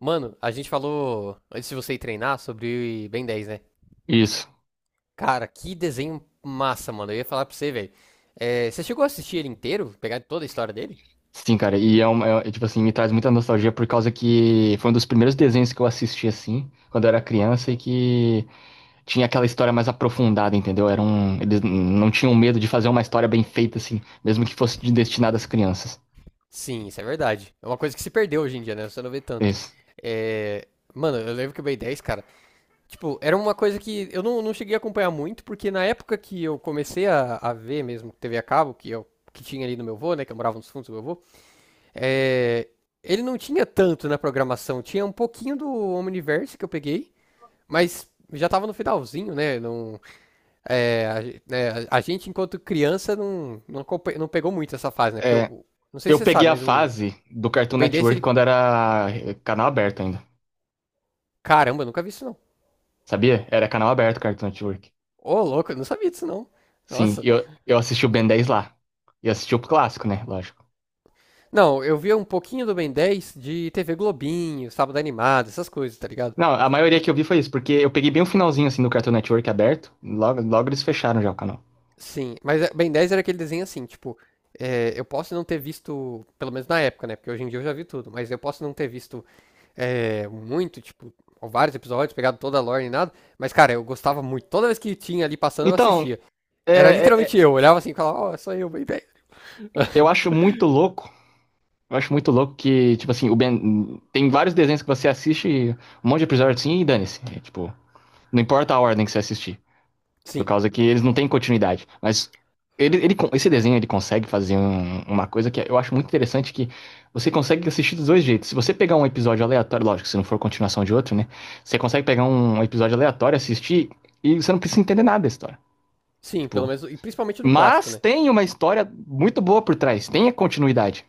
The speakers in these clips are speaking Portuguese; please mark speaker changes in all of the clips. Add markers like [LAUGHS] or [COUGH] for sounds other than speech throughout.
Speaker 1: Mano, a gente falou, antes de você ir treinar, sobre Ben 10, né?
Speaker 2: Isso.
Speaker 1: Cara, que desenho massa, mano. Eu ia falar pra você, velho. Você chegou a assistir ele inteiro? Pegar toda a história dele?
Speaker 2: Sim, cara. E é, uma, é- é, tipo assim, Me traz muita nostalgia por causa que foi um dos primeiros desenhos que eu assisti assim, quando eu era criança e que tinha aquela história mais aprofundada, entendeu? Era um, eles n- Não tinham medo de fazer uma história bem feita assim, mesmo que fosse destinada às crianças.
Speaker 1: Sim, isso é verdade. É uma coisa que se perdeu hoje em dia, né? Você não vê tanto.
Speaker 2: Isso.
Speaker 1: É, Mano, eu lembro que o Ben 10, cara, tipo, era uma coisa que eu não cheguei a acompanhar muito, porque na época que eu comecei a ver mesmo TV a cabo, que eu que tinha ali no meu avô, né, que eu morava nos fundos do meu avô, é, ele não tinha tanto na programação, tinha um pouquinho do Omniverse que eu peguei, mas já tava no finalzinho, né? Não, é, a, ge- né, a gente, enquanto criança, não pegou muito essa fase, né? Porque,
Speaker 2: É,
Speaker 1: não sei se
Speaker 2: eu
Speaker 1: você
Speaker 2: peguei
Speaker 1: sabe,
Speaker 2: a
Speaker 1: mas o,
Speaker 2: fase do
Speaker 1: o
Speaker 2: Cartoon
Speaker 1: Ben 10,
Speaker 2: Network
Speaker 1: ele.
Speaker 2: quando era canal aberto ainda.
Speaker 1: Caramba, eu nunca vi isso, não.
Speaker 2: Sabia? Era canal aberto Cartoon Network.
Speaker 1: Ô, louco, eu não sabia disso, não.
Speaker 2: Sim,
Speaker 1: Nossa.
Speaker 2: eu, eu assisti o Ben 10 lá. E assisti o clássico, né? Lógico.
Speaker 1: Não, eu via um pouquinho do Ben 10 de TV Globinho, Sábado Animado, essas coisas, tá ligado?
Speaker 2: Não, a maioria que eu vi foi isso, porque eu peguei bem o finalzinho assim do Cartoon Network aberto, logo, logo eles fecharam já o canal.
Speaker 1: Sim, mas Ben 10 era aquele desenho assim, tipo. Eu posso não ter visto, pelo menos na época, né? Porque hoje em dia eu já vi tudo, mas eu posso não ter visto muito, tipo, vários episódios, pegado toda a lore e nada. Mas, cara, eu gostava muito. Toda vez que tinha ali passando, eu
Speaker 2: Então,
Speaker 1: assistia.
Speaker 2: é,
Speaker 1: Era
Speaker 2: é, é,
Speaker 1: literalmente eu. Olhava assim e falava, ó, é só eu, bem, bem.
Speaker 2: eu acho muito louco, eu acho muito louco que, tipo assim, tem vários desenhos que você assiste, um monte de episódio assim, e dane-se. É, tipo, não importa a ordem que você assistir. Por
Speaker 1: Sim,
Speaker 2: causa que eles não têm continuidade. Mas esse desenho ele consegue fazer uma coisa que eu acho muito interessante, que você consegue assistir dos dois jeitos. Se você pegar um episódio aleatório, lógico, se não for continuação de outro, né? Você consegue pegar um episódio aleatório, assistir, e você não precisa entender nada da história.
Speaker 1: sim, pelo
Speaker 2: Tipo,
Speaker 1: menos. E principalmente do clássico,
Speaker 2: mas
Speaker 1: né?
Speaker 2: tem uma história muito boa por trás, tem a continuidade.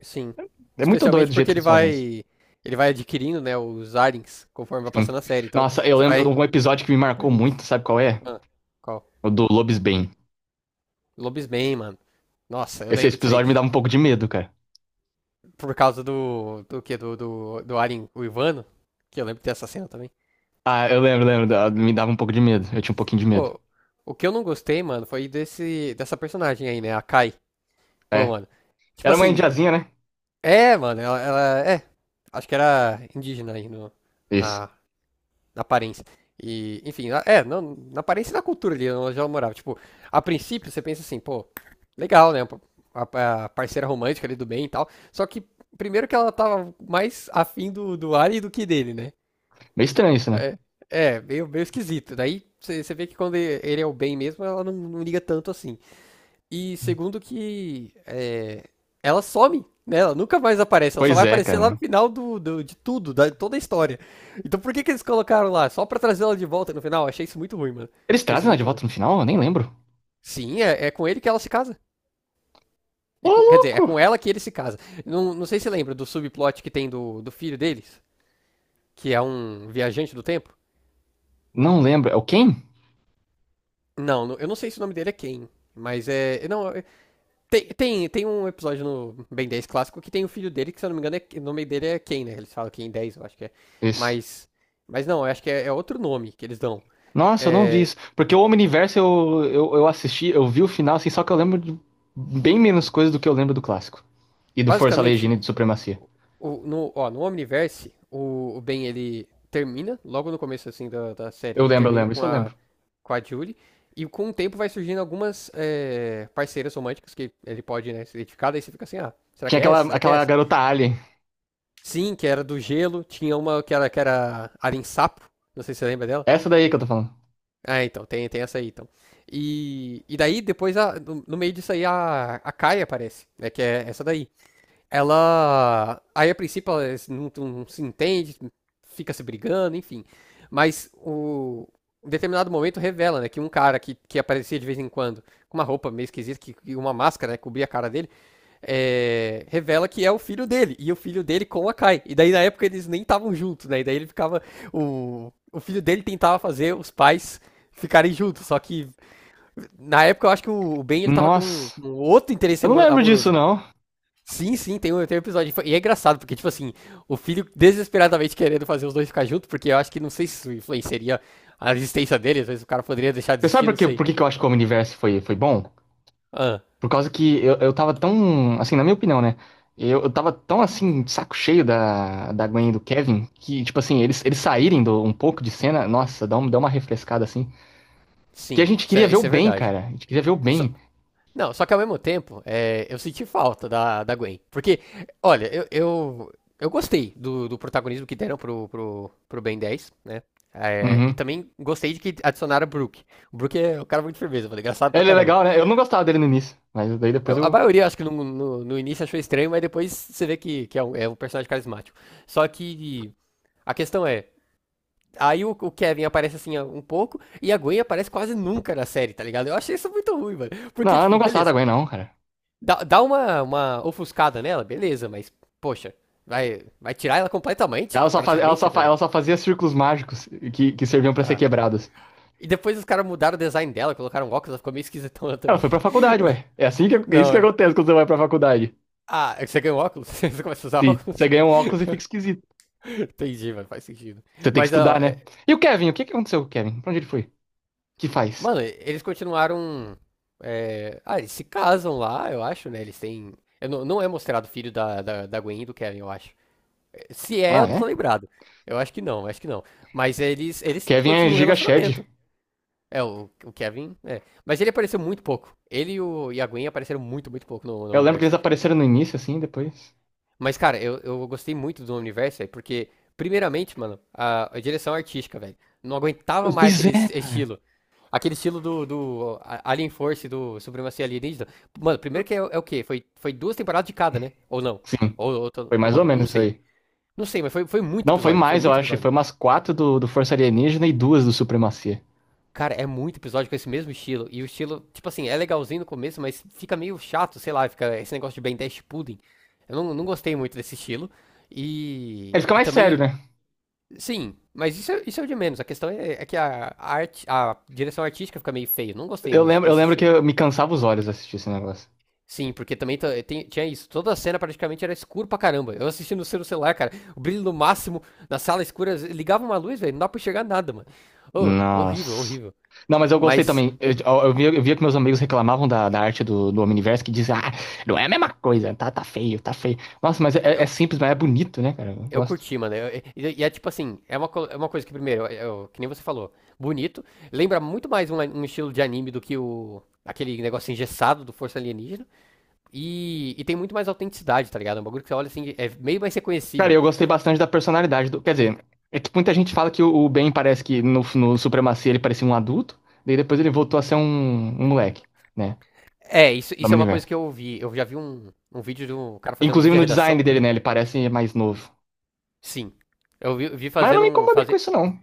Speaker 1: Sim.
Speaker 2: É muito doido
Speaker 1: Especialmente
Speaker 2: o jeito
Speaker 1: porque
Speaker 2: que
Speaker 1: ele
Speaker 2: eles fazem isso.
Speaker 1: vai. Ele vai adquirindo, né, os Arens conforme vai
Speaker 2: Sim.
Speaker 1: passando a série. Então,
Speaker 2: Nossa, eu
Speaker 1: você
Speaker 2: lembro de
Speaker 1: vai.
Speaker 2: um episódio que me marcou
Speaker 1: Acompanhando isso.
Speaker 2: muito, sabe qual é?
Speaker 1: Ah, qual?
Speaker 2: O do Lobisbane.
Speaker 1: Lobisman, mano. Nossa, eu
Speaker 2: Esse
Speaker 1: lembro disso aí.
Speaker 2: episódio me dava um pouco de medo, cara.
Speaker 1: Por causa do. Do que? Do Aren, o Ivano. Que eu lembro dessa cena também.
Speaker 2: Ah, eu lembro, lembro. Me dava um pouco de medo. Eu tinha um pouquinho de medo.
Speaker 1: Ô, o que eu não gostei, mano, foi desse, dessa personagem aí, né? A Kai. Pô,
Speaker 2: É.
Speaker 1: mano. Tipo
Speaker 2: Era uma
Speaker 1: assim,
Speaker 2: indiazinha, né?
Speaker 1: mano, ela é. Acho que era indígena aí no,
Speaker 2: Isso.
Speaker 1: na, na aparência. E, enfim, não, na aparência e na cultura ali onde ela morava. Tipo, a princípio você pensa assim, pô, legal, né? A parceira romântica ali do bem e tal. Só que, primeiro que ela tava mais afim do Ari do que dele, né?
Speaker 2: Meio estranho isso, né?
Speaker 1: É, é meio, esquisito. Daí você vê que quando ele é o bem mesmo, ela não liga tanto assim. E segundo que ela some, né? Ela nunca mais aparece, ela só
Speaker 2: Pois
Speaker 1: vai
Speaker 2: é,
Speaker 1: aparecer lá no
Speaker 2: cara.
Speaker 1: final de tudo, da toda a história. Então por que que eles colocaram lá? Só pra trazer ela de volta no final? Achei isso muito ruim, mano.
Speaker 2: Eles
Speaker 1: Achei isso
Speaker 2: trazem ela de
Speaker 1: muito ruim.
Speaker 2: volta no final? Eu nem lembro.
Speaker 1: Sim, é com ele que ela se casa.
Speaker 2: Ô,
Speaker 1: E quer dizer, é
Speaker 2: louco!
Speaker 1: com ela que ele se casa. Não, não sei se lembra do subplot que tem do filho deles, que é um viajante do tempo.
Speaker 2: Não lembro. É o Ken?
Speaker 1: Não, eu não sei se o nome dele é Ken, mas é. Não, tem um episódio no Ben 10 clássico que tem o filho dele, que se eu não me engano, o nome dele é Ken, né? Eles falam Ken 10, eu acho que é.
Speaker 2: Isso.
Speaker 1: Mas, mas não, eu acho que é, outro nome que eles dão.
Speaker 2: Nossa, eu não vi
Speaker 1: É,
Speaker 2: isso. Porque o Omniverse eu assisti, eu vi o final, assim, só que eu lembro de bem menos coisas do que eu lembro do clássico. E do Força
Speaker 1: Basicamente,
Speaker 2: Legina e do Supremacia.
Speaker 1: o, no, ó, no Omniverse, o Ben ele termina, logo no começo assim da série, ele
Speaker 2: Eu
Speaker 1: termina
Speaker 2: lembro,
Speaker 1: com
Speaker 2: isso eu
Speaker 1: a,
Speaker 2: lembro.
Speaker 1: com a Julie. E com o tempo vai surgindo algumas parceiras românticas que ele pode né, se identificar, daí você fica assim, ah, será
Speaker 2: Tinha
Speaker 1: que é
Speaker 2: aquela,
Speaker 1: essa? Será que é
Speaker 2: aquela
Speaker 1: essa?
Speaker 2: garota alien.
Speaker 1: Sim, que era do gelo, tinha uma que era Arin Sapo, não sei se você lembra dela.
Speaker 2: Essa daí que eu tô falando.
Speaker 1: Ah, então, tem essa aí, então. E daí, depois, no meio disso aí, a Kai aparece, né? Que é essa daí. Ela. Aí, a princípio, ela não se entende, fica se brigando, enfim. Mas o. Em determinado momento revela, né, que um cara que aparecia de vez em quando, com uma roupa meio esquisita, e uma máscara, né, cobria a cara dele, revela que é o filho dele, e o filho dele com a Kai. E daí na época eles nem estavam juntos, né? E daí ele ficava. O filho dele tentava fazer os pais ficarem juntos, só que na época eu acho que o Ben ele tava com
Speaker 2: Nossa.
Speaker 1: um outro interesse
Speaker 2: Eu não lembro disso,
Speaker 1: amoroso.
Speaker 2: não.
Speaker 1: Sim, sim, tem um episódio. E é engraçado, porque, tipo assim, o filho desesperadamente querendo fazer os dois ficar juntos, porque eu acho que não sei se isso influenciaria a existência dele, às vezes o cara poderia deixar de
Speaker 2: Você sabe
Speaker 1: existir, não sei.
Speaker 2: por que que eu acho que o Omniverse foi, foi bom?
Speaker 1: Ah,
Speaker 2: Por causa que eu tava tão, assim, na minha opinião, né? Eu tava tão, assim, de saco cheio da Gwen e do Kevin, que, tipo assim, eles saírem do, um pouco de cena, nossa, dá, um, dá uma refrescada, assim. Que a
Speaker 1: sim,
Speaker 2: gente
Speaker 1: isso
Speaker 2: queria
Speaker 1: é,
Speaker 2: ver o
Speaker 1: isso é
Speaker 2: Ben,
Speaker 1: verdade.
Speaker 2: cara. A gente queria ver o
Speaker 1: Só,
Speaker 2: Ben.
Speaker 1: Não, só que ao mesmo tempo, eu senti falta da, Gwen. Porque, olha, eu gostei do protagonismo que deram pro Ben 10, né? E
Speaker 2: Uhum.
Speaker 1: também gostei de que adicionaram o Brook. O Brook é um cara muito firmeza, mano, engraçado pra
Speaker 2: Ele é
Speaker 1: caramba.
Speaker 2: legal, né? Eu não gostava dele no início, mas daí depois
Speaker 1: Eu- a maioria, acho que no início achou estranho, mas depois você vê que é um personagem carismático. Só que a questão é, aí o Kevin aparece assim um pouco, e a Gwen aparece quase nunca na série, tá ligado? Eu achei isso muito ruim, mano. Porque,
Speaker 2: Eu não
Speaker 1: tipo,
Speaker 2: gostava da
Speaker 1: beleza.
Speaker 2: Gwen, não, cara.
Speaker 1: Dá uma ofuscada nela, beleza, mas, poxa, vai tirar ela completamente,
Speaker 2: Ela só, faz, ela só,
Speaker 1: praticamente, tá
Speaker 2: fa- ela
Speaker 1: ligado?
Speaker 2: só fazia círculos mágicos que serviam pra ser
Speaker 1: Ah.
Speaker 2: quebrados.
Speaker 1: E depois os caras mudaram o design dela, colocaram um óculos, ela ficou meio esquisitona [LAUGHS]
Speaker 2: Ela
Speaker 1: também.
Speaker 2: foi pra faculdade, ué. É assim que, é isso
Speaker 1: Não,
Speaker 2: que
Speaker 1: é.
Speaker 2: acontece quando você vai pra faculdade.
Speaker 1: Ah, você ganha um óculos? [LAUGHS] Você começa a usar
Speaker 2: Sim,
Speaker 1: óculos?
Speaker 2: você
Speaker 1: [LAUGHS]
Speaker 2: ganha um óculos e fica esquisito.
Speaker 1: Entendi, mano, faz sentido.
Speaker 2: Você tem que
Speaker 1: Mas, ó,
Speaker 2: estudar, né? E o Kevin? O que que aconteceu com o Kevin? Pra onde ele foi? O que faz?
Speaker 1: mano, eles continuaram. Ah, eles se casam lá, eu acho, né? Eles têm. Eu não, não é mostrado o filho da Gwen e do Kevin, eu acho. Se é,
Speaker 2: Ah,
Speaker 1: eu não tô
Speaker 2: é?
Speaker 1: lembrado. Eu acho que não, eu acho que não. Mas eles
Speaker 2: Kevin é
Speaker 1: continuam o
Speaker 2: Giga Shed.
Speaker 1: relacionamento. O Kevin. É. Mas ele apareceu muito pouco. Ele e a Gwen apareceram muito, muito pouco no
Speaker 2: Eu lembro que
Speaker 1: universo.
Speaker 2: eles apareceram no início, assim, depois.
Speaker 1: Mas, cara, eu gostei muito do universo, velho, porque, primeiramente, mano, a direção artística, velho. Não aguentava mais
Speaker 2: Pois
Speaker 1: aquele
Speaker 2: é, cara.
Speaker 1: estilo. Aquele estilo do Alien Force, do Supremacia Alienígena. Mano, primeiro que é o quê? Foi duas temporadas de cada, né? Ou não?
Speaker 2: Sim,
Speaker 1: Ou tô,
Speaker 2: foi
Speaker 1: tô
Speaker 2: mais ou
Speaker 1: maluco? Eu não
Speaker 2: menos isso
Speaker 1: sei.
Speaker 2: aí.
Speaker 1: Não sei, mas foi muito
Speaker 2: Não, foi
Speaker 1: episódio. Foi
Speaker 2: mais, eu
Speaker 1: muito
Speaker 2: acho.
Speaker 1: episódio.
Speaker 2: Foi umas quatro do Força Alienígena e duas do Supremacia.
Speaker 1: Cara, é muito episódio com esse mesmo estilo. E o estilo, tipo assim, é legalzinho no começo, mas fica meio chato, sei lá, fica esse negócio de Ben 10 pudding. Eu não gostei muito desse estilo. E,
Speaker 2: Ele fica
Speaker 1: e
Speaker 2: mais sério,
Speaker 1: também,
Speaker 2: né?
Speaker 1: sim, mas isso, isso é o de menos. A questão é que a arte, a direção artística fica meio feia. Eu não gostei
Speaker 2: Eu
Speaker 1: nesse
Speaker 2: lembro que
Speaker 1: estilo.
Speaker 2: eu me cansava os olhos assistir esse negócio.
Speaker 1: Sim, porque também tinha isso. Toda a cena praticamente era escuro pra caramba. Eu assisti no celular, cara. O brilho no máximo, na sala escura, ligava uma luz, velho. Não dá pra enxergar nada, mano. Ô, horrível,
Speaker 2: Nossa.
Speaker 1: horrível.
Speaker 2: Não, mas eu gostei
Speaker 1: Mas
Speaker 2: também. Eu via que meus amigos reclamavam da arte do Omniverse, que dizem, ah, não é a mesma coisa, tá, tá feio, tá feio. Nossa, mas é, é
Speaker 1: eu,
Speaker 2: simples, mas é bonito, né, cara? Eu
Speaker 1: Eu
Speaker 2: gosto.
Speaker 1: curti, mano. E é tipo assim, é uma coisa que, primeiro, que nem você falou, bonito. Lembra muito mais um, um estilo de anime do que o aquele negócio engessado do Força Alienígena. E tem muito mais autenticidade, tá ligado? É um bagulho que você olha assim, é meio mais
Speaker 2: Cara,
Speaker 1: reconhecível.
Speaker 2: eu gostei bastante da personalidade do. Quer dizer, é que muita gente fala que o Ben parece que no Supremacia ele parecia um adulto, daí depois ele voltou a ser um, um moleque, né?
Speaker 1: É, isso,
Speaker 2: Do
Speaker 1: isso é uma coisa
Speaker 2: Omniverse.
Speaker 1: que eu vi. Eu já vi um, vídeo de um cara fazendo um
Speaker 2: Inclusive
Speaker 1: vídeo de
Speaker 2: no design
Speaker 1: redação.
Speaker 2: dele, né? Ele parece mais novo.
Speaker 1: Sim. Eu vi
Speaker 2: Mas eu não
Speaker 1: fazendo
Speaker 2: me
Speaker 1: um.
Speaker 2: incomodei com
Speaker 1: Fazer,
Speaker 2: isso, não.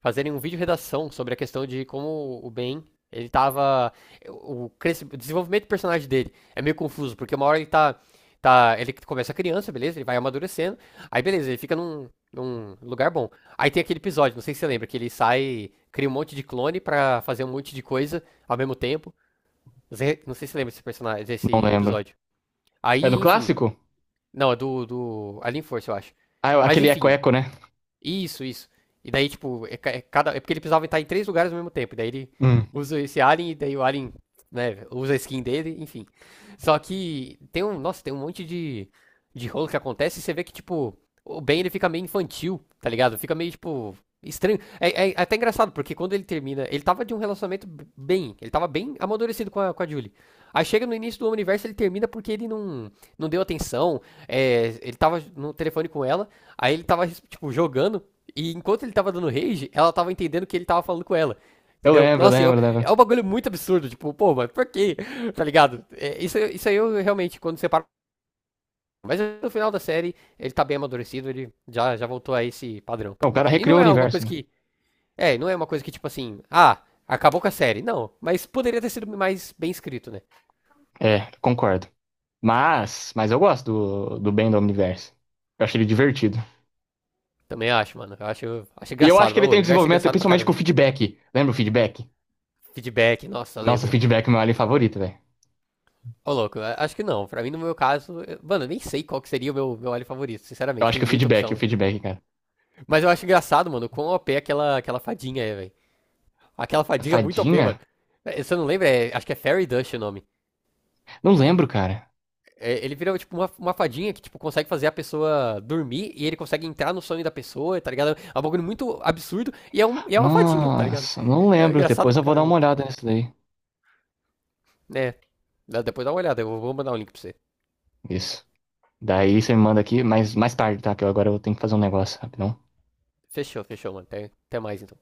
Speaker 1: fazerem um vídeo redação sobre a questão de como o Ben, ele tava. O desenvolvimento do personagem dele é meio confuso, porque uma hora ele tá. Tá ele começa criança, beleza? Ele vai amadurecendo. Aí, beleza, ele fica num lugar bom. Aí tem aquele episódio, não sei se você lembra, que ele sai, cria um monte de clone pra fazer um monte de coisa ao mesmo tempo. Não sei se você lembra desse personagem,
Speaker 2: Não
Speaker 1: desse
Speaker 2: lembro.
Speaker 1: episódio.
Speaker 2: É
Speaker 1: Aí,
Speaker 2: do
Speaker 1: enfim.
Speaker 2: clássico?
Speaker 1: Não, é do Alien Force, eu acho.
Speaker 2: Ah,
Speaker 1: Mas
Speaker 2: aquele Eco
Speaker 1: enfim,
Speaker 2: Eco, né?
Speaker 1: isso, isso. E daí, tipo, é porque ele precisava estar em 3 lugares ao mesmo tempo. E daí ele
Speaker 2: Hum.
Speaker 1: usa esse alien, e daí o alien, né, usa a skin dele, enfim. Só que tem um, nossa, tem um monte de rolo que acontece e você vê que, tipo, o Ben ele fica meio infantil, tá ligado? Fica meio, tipo, estranho. É, é até engraçado, porque quando ele termina, ele tava de um relacionamento bem, ele tava bem amadurecido com a, Julie. Aí chega no início do universo, ele termina porque ele não deu atenção, ele tava no telefone com ela. Aí ele tava, tipo, jogando, e enquanto ele tava dando rage, ela tava entendendo que ele tava falando com ela.
Speaker 2: Eu
Speaker 1: Entendeu?
Speaker 2: lembro,
Speaker 1: Nossa,
Speaker 2: lembro,
Speaker 1: é
Speaker 2: lembro.
Speaker 1: um bagulho muito absurdo. Tipo, pô, mas por quê? Tá ligado? Isso aí eu realmente, quando separo. Mas no final da série, ele tá bem amadurecido, ele já voltou a esse padrão,
Speaker 2: Não, o
Speaker 1: pelo
Speaker 2: cara
Speaker 1: menos. E
Speaker 2: recriou
Speaker 1: não
Speaker 2: o
Speaker 1: é alguma
Speaker 2: universo,
Speaker 1: coisa
Speaker 2: né?
Speaker 1: que. Não é uma coisa que, tipo assim, ah, acabou com a série. Não, mas poderia ter sido mais bem escrito, né?
Speaker 2: É, concordo. Mas eu gosto do, do Ben do Omniverse. Eu acho ele divertido.
Speaker 1: Também acho, mano. Eu acho
Speaker 2: E eu acho
Speaker 1: engraçado.
Speaker 2: que ele
Speaker 1: O
Speaker 2: tem um
Speaker 1: universo é
Speaker 2: desenvolvimento,
Speaker 1: engraçado pra
Speaker 2: principalmente com o
Speaker 1: caramba.
Speaker 2: feedback. Lembra o feedback?
Speaker 1: Feedback, nossa,
Speaker 2: Nossa, o
Speaker 1: lembro.
Speaker 2: feedback é meu alien favorito, velho.
Speaker 1: Ô, louco, acho que não. Pra mim, no meu caso, mano, eu nem sei qual que seria o meu alho favorito,
Speaker 2: Eu
Speaker 1: sinceramente.
Speaker 2: acho
Speaker 1: Tem
Speaker 2: que
Speaker 1: muita opção,
Speaker 2: o
Speaker 1: né?
Speaker 2: feedback, cara.
Speaker 1: Mas eu acho engraçado, mano, quão OP aquela, fadinha é, velho. Aquela
Speaker 2: A
Speaker 1: fadinha é muito OP,
Speaker 2: fadinha?
Speaker 1: mano. É, você não lembra? Acho que é Fairy Dust o nome.
Speaker 2: Não lembro, cara.
Speaker 1: É, ele vira, tipo, uma fadinha que, tipo, consegue fazer a pessoa dormir e ele consegue entrar no sonho da pessoa, tá ligado? É um bagulho muito absurdo e é uma fadinha, tá ligado?
Speaker 2: Nossa, não
Speaker 1: É
Speaker 2: lembro.
Speaker 1: engraçado
Speaker 2: Depois
Speaker 1: pra
Speaker 2: eu vou dar uma
Speaker 1: caramba.
Speaker 2: olhada nisso daí.
Speaker 1: É, depois dá uma olhada, eu vou mandar um link pra você.
Speaker 2: Isso. Daí você me manda aqui, mas mais tarde, tá? Que eu agora eu tenho que fazer um negócio, rapidão.
Speaker 1: Fechou, fechou, mano. Até mais, então.